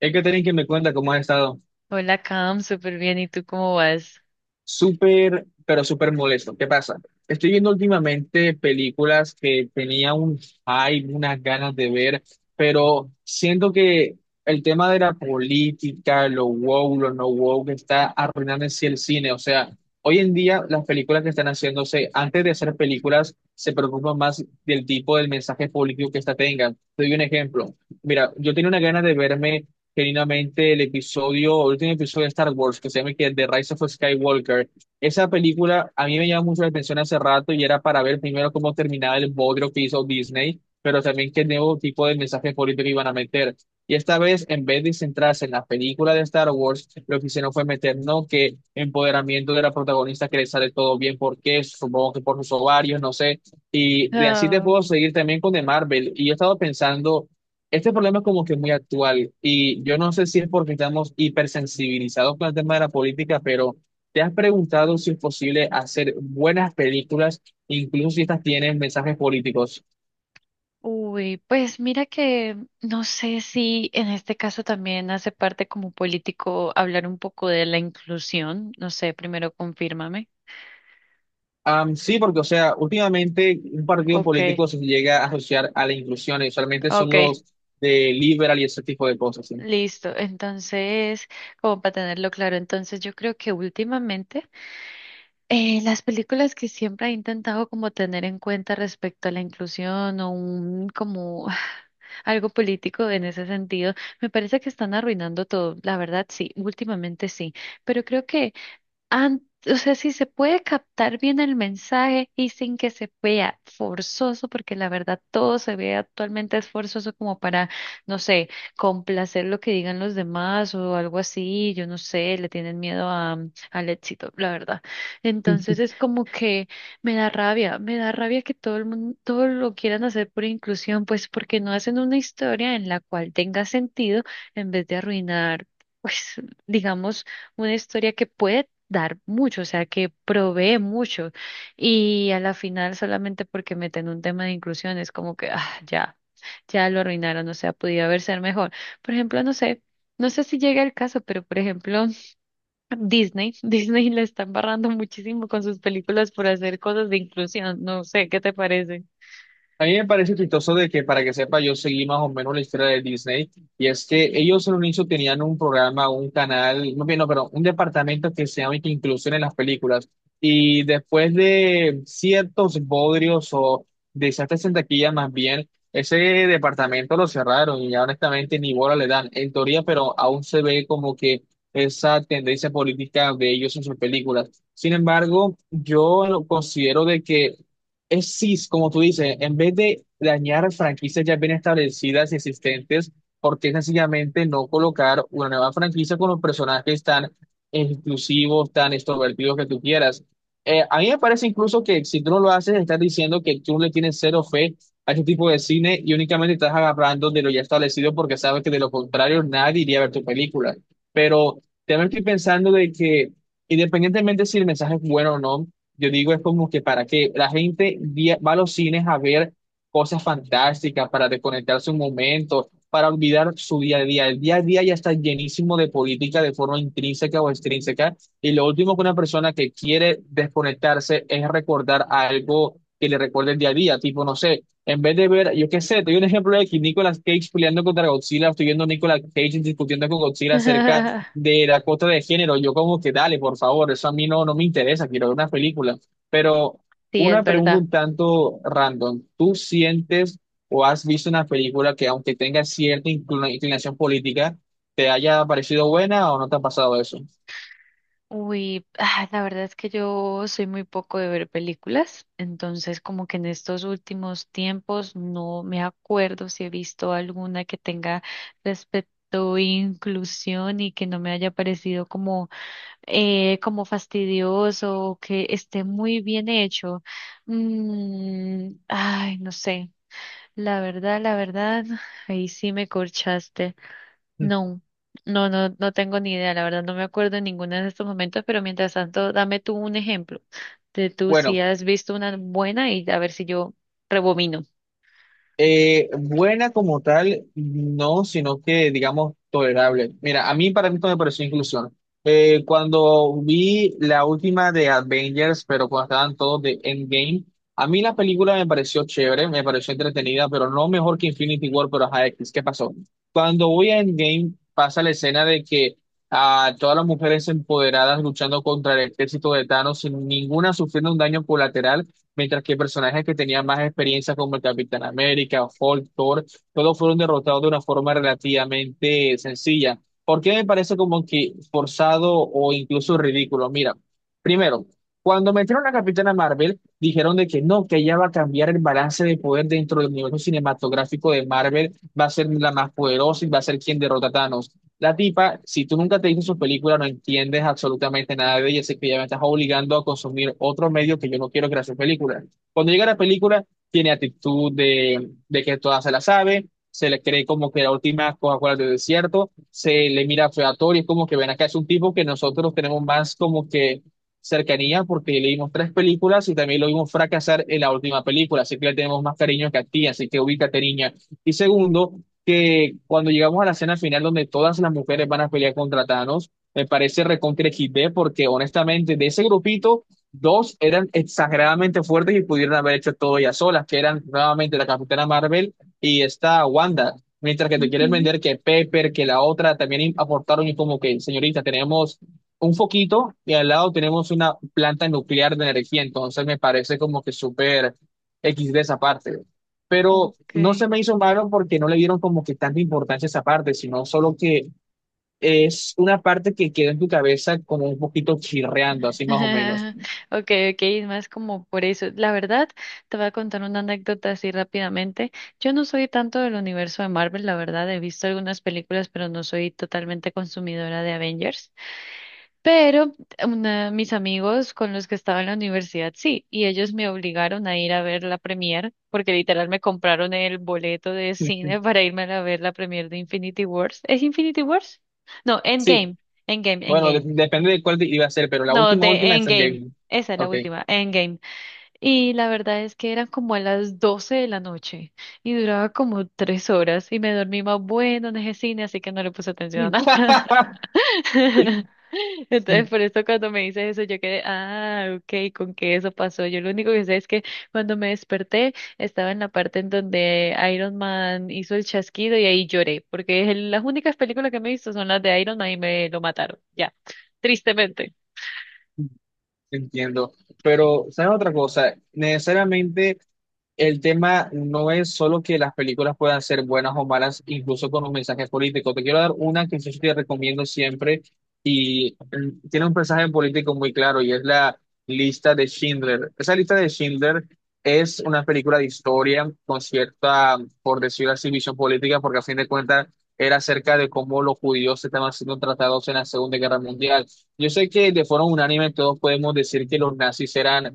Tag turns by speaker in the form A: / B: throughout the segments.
A: Es que tenéis que me cuenta cómo has estado.
B: Hola, Cam, súper bien. ¿Y tú cómo vas?
A: Súper, pero súper molesto. ¿Qué pasa? Estoy viendo últimamente películas que tenía un hype, unas ganas de ver, pero siento que el tema de la política, lo woke, lo no woke, está arruinando en sí el cine. O sea, hoy en día las películas que están haciéndose, antes de hacer películas, se preocupan más del tipo del mensaje político que esta tengan. Te doy un ejemplo. Mira, yo tenía una gana de verme genuinamente el episodio, el último episodio de Star Wars, que se llama que The Rise of Skywalker. Esa película a mí me llamó mucho la atención hace rato y era para ver primero cómo terminaba el bodrio que hizo Disney, pero también qué nuevo tipo de mensaje político iban a meter. Y esta vez, en vez de centrarse en la película de Star Wars, lo que hicieron fue meter, no que empoderamiento de la protagonista que le sale todo bien, porque supongo que por sus ovarios, no sé. Y de así te
B: Ah,
A: puedo seguir también con de Marvel. Y yo he estado pensando este problema es como que muy actual y yo no sé si es porque estamos hipersensibilizados con el tema de la política, pero ¿te has preguntado si es posible hacer buenas películas, incluso si estas tienen mensajes políticos?
B: pues mira que no sé si en este caso también hace parte como político hablar un poco de la inclusión. No sé, primero confírmame.
A: Sí, porque, o sea, últimamente un partido
B: Ok,
A: político se llega a asociar a la inclusión y usualmente son
B: ok,
A: los de liberal y ese tipo de cosas, ¿sí?
B: listo. Entonces, como para tenerlo claro, entonces yo creo que últimamente, las películas que siempre he intentado como tener en cuenta respecto a la inclusión o un como algo político en ese sentido, me parece que están arruinando todo. La verdad, sí, últimamente sí. Pero creo que an- o sea, si se puede captar bien el mensaje y sin que se vea forzoso, porque la verdad todo se ve actualmente es forzoso como para, no sé, complacer lo que digan los demás o algo así, yo no sé, le tienen miedo a, al éxito, la verdad. Entonces es como que me da rabia que todo el mundo, todo lo quieran hacer por inclusión, pues porque no hacen una historia en la cual tenga sentido en vez de arruinar, pues, digamos, una historia que puede dar mucho, o sea, que provee mucho. Y a la final, solamente porque meten un tema de inclusión, es como que, ah, ya, ya lo arruinaron, o sea, podía haber ser mejor. Por ejemplo, no sé, no sé si llega el caso, pero por ejemplo, Disney, Disney le está embarrando muchísimo con sus películas por hacer cosas de inclusión, no sé, ¿qué te parece?
A: A mí me parece chistoso de que, para que sepa, yo seguí más o menos la historia de Disney, y es que ellos en un inicio tenían un programa, un canal, no, bien, no, perdón, un departamento que se llama Inclusión en las películas, y después de ciertos bodrios o desastres en taquilla más bien, ese departamento lo cerraron y ya honestamente ni bola le dan, en teoría, pero aún se ve como que esa tendencia política de ellos en sus películas. Sin embargo, yo lo considero de que es CIS, como tú dices, en vez de dañar franquicias ya bien establecidas y existentes, ¿por qué sencillamente no colocar una nueva franquicia con los personajes tan exclusivos, tan extrovertidos que tú quieras? A mí me parece incluso que si tú no lo haces, estás diciendo que tú le tienes cero fe a este tipo de cine y únicamente estás agarrando de lo ya establecido porque sabes que de lo contrario nadie iría a ver tu película. Pero también estoy pensando de que, independientemente si el mensaje es bueno o no, yo digo, es como que para que la gente va a los cines a ver cosas fantásticas, para desconectarse un momento, para olvidar su día a día. El día a día ya está llenísimo de política de forma intrínseca o extrínseca. Y lo último que una persona que quiere desconectarse es recordar algo que le recuerde el día a día. Tipo, no sé, en vez de ver, yo qué sé, te doy un ejemplo de que Nicolas Cage peleando contra Godzilla, estoy viendo a Nicolas Cage discutiendo con Godzilla acerca de la cuota de género. Yo como que dale, por favor, eso a mí no me interesa, quiero ver una película. Pero
B: Sí, es
A: una pregunta
B: verdad.
A: un tanto random. ¿Tú sientes o has visto una película que aunque tenga cierta inclinación política, te haya parecido buena o no te ha pasado eso?
B: La verdad es que yo soy muy poco de ver películas, entonces como que en estos últimos tiempos no me acuerdo si he visto alguna que tenga respecto a inclusión y que no me haya parecido como como fastidioso o que esté muy bien hecho. Ay, no sé. La verdad, ahí sí me corchaste. No, no tengo ni idea, la verdad no me acuerdo en ninguno de estos momentos, pero mientras tanto, dame tú un ejemplo de tú
A: Bueno,
B: si has visto una buena y a ver si yo rebobino.
A: Buena como tal, no, sino que digamos tolerable. Mira, a mí para mí esto me pareció inclusión. Cuando vi la última de Avengers, pero cuando estaban todos de Endgame, a mí la película me pareció chévere, me pareció entretenida, pero no mejor que Infinity War, pero ajá, X, ¿qué pasó? Cuando voy a Endgame, pasa la escena de que a todas las mujeres empoderadas luchando contra el ejército de Thanos sin ninguna sufriendo un daño colateral mientras que personajes que tenían más experiencia como el Capitán América, o Hulk, Thor, todos fueron derrotados de una forma relativamente sencilla. ¿Por qué me parece como que forzado o incluso ridículo? Mira, primero, cuando metieron a Capitana Marvel, dijeron de que no, que ella va a cambiar el balance de poder dentro del universo cinematográfico de Marvel, va a ser la más poderosa y va a ser quien derrota a Thanos. La tipa, si tú nunca te viste sus películas, no entiendes absolutamente nada de ella, así que ya me estás obligando a consumir otro medio que yo no quiero que era su película. Cuando llega la película, tiene actitud de que toda se la sabe, se le cree como que la última Coca-Cola del desierto, se le mira featorio, es como que ven acá, es un tipo que nosotros tenemos más como que cercanía porque le dimos tres películas y también lo vimos fracasar en la última película, así que le tenemos más cariño que a ti, así que ubícate, niña. Y segundo, que cuando llegamos a la escena final donde todas las mujeres van a pelear contra Thanos, me parece recontra equis de porque honestamente de ese grupito, dos eran exageradamente fuertes y pudieron haber hecho todo ellas solas, que eran nuevamente la Capitana Marvel y esta Wanda. Mientras que te quieren
B: Ujú.
A: vender que Pepper, que la otra también aportaron y como que, señorita, tenemos un foquito y al lado tenemos una planta nuclear de energía, entonces me parece como que súper equis de esa parte, pero no se
B: Okay.
A: me hizo malo porque no le dieron como que tanta importancia a esa parte, sino solo que es una parte que queda en tu cabeza como un poquito chirreando, así más o menos.
B: Okay, okay, es más como por eso. La verdad, te voy a contar una anécdota así rápidamente. Yo no soy tanto del universo de Marvel, la verdad, he visto algunas películas, pero no soy totalmente consumidora de Avengers. Pero una, mis amigos con los que estaba en la universidad, sí, y ellos me obligaron a ir a ver la premier, porque literal me compraron el boleto de cine para irme a ver la premier de Infinity Wars. ¿Es Infinity Wars? No,
A: Sí,
B: Endgame, Endgame,
A: bueno,
B: Endgame.
A: depende de cuál iba a ser, pero la
B: No,
A: última,
B: de
A: última es
B: Endgame.
A: Evil.
B: Esa es la
A: Ok.
B: última, Endgame. Y la verdad es que eran como a las 12 de la noche y duraba como tres horas y me dormí más bueno en ese cine, así que no le puse atención a nada. Entonces, por eso cuando me dices eso, yo quedé, ah, ok, ¿con qué eso pasó? Yo lo único que sé es que cuando me desperté estaba en la parte en donde Iron Man hizo el chasquido y ahí lloré, porque las únicas películas que me he visto son las de Iron Man y me lo mataron, ya, tristemente.
A: Entiendo, pero ¿saben otra cosa? Necesariamente el tema no es solo que las películas puedan ser buenas o malas, incluso con un mensaje político. Te quiero dar una que yo te recomiendo siempre y tiene un mensaje político muy claro y es la lista de Schindler. Esa lista de Schindler es una película de historia con cierta, por decirlo así, visión política, porque a fin de cuentas era acerca de cómo los judíos estaban siendo tratados en la Segunda Guerra Mundial. Yo sé que de forma unánime todos podemos decir que los nazis eran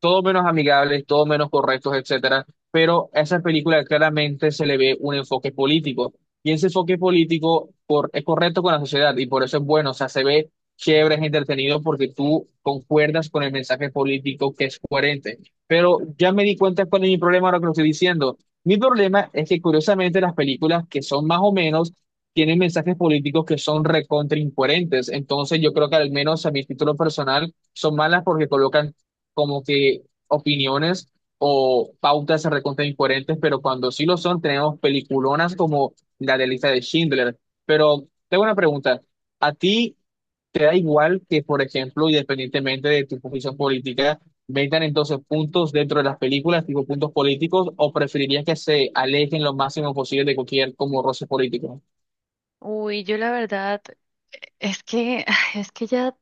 A: todo menos amigables, todo menos correctos, etcétera, pero a esa película claramente se le ve un enfoque político y ese enfoque político es correcto con la sociedad y por eso es bueno, o sea, se ve chévere, es entretenido porque tú concuerdas con el mensaje político que es coherente. Pero ya me di cuenta cuál es mi problema ahora que lo estoy diciendo. Mi problema es que curiosamente las películas que son más o menos tienen mensajes políticos que son recontra incoherentes. Entonces, yo creo que al menos a mi título personal son malas porque colocan como que opiniones o pautas recontra incoherentes, pero cuando sí lo son, tenemos peliculonas como la de lista de Schindler. Pero tengo una pregunta. ¿A ti te da igual que, por ejemplo, independientemente de tu posición política, vendan entonces puntos dentro de las películas, tipo puntos políticos, o preferirías que se alejen lo máximo posible de cualquier como roce político?
B: Uy, yo la verdad es que es que ya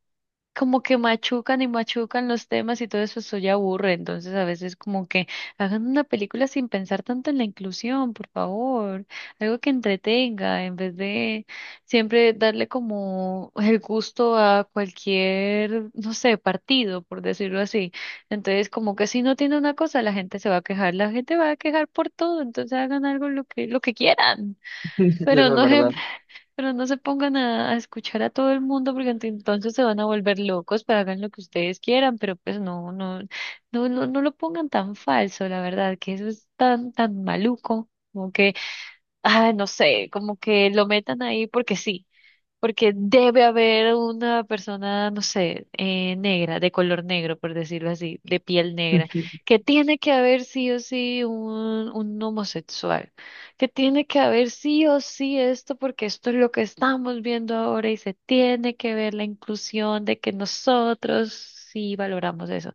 B: como que machucan y machucan los temas y todo eso, eso ya aburre. Entonces, a veces como que hagan una película sin pensar tanto en la inclusión, por favor. Algo que entretenga, en vez de siempre darle como el gusto a cualquier, no sé, partido, por decirlo así. Entonces, como que si no tiene una cosa, la gente se va a quejar, la gente va a quejar por todo. Entonces, hagan algo lo que quieran.
A: Eso
B: Pero
A: es
B: no se
A: verdad.
B: pero no se pongan a escuchar a todo el mundo porque entonces se van a volver locos, pues hagan lo que ustedes quieran, pero pues no, no, no lo pongan tan falso, la verdad, que eso es tan, tan maluco, como que, ah, no sé, como que lo metan ahí porque sí. Porque debe haber una persona, no sé, negra, de color negro, por decirlo así, de piel negra, que tiene que haber sí o sí un homosexual, que tiene que haber sí o sí esto, porque esto es lo que estamos viendo ahora y se tiene que ver la inclusión de que nosotros sí valoramos eso.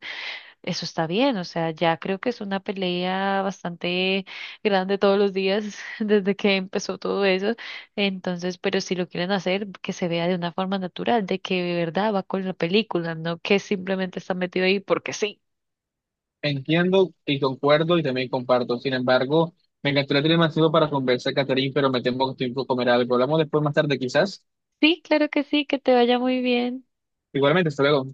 B: Eso está bien, o sea, ya creo que es una pelea bastante grande todos los días desde que empezó todo eso. Entonces, pero si lo quieren hacer, que se vea de una forma natural, de que de verdad va con la película, no que simplemente está metido ahí porque sí.
A: Entiendo y concuerdo y también comparto. Sin embargo, me encantaría tener más tiempo para conversar, Catherine, pero me temo que tengo que comer algo. Hablamos después más tarde, quizás.
B: Sí, claro que sí, que te vaya muy bien.
A: Igualmente, hasta luego.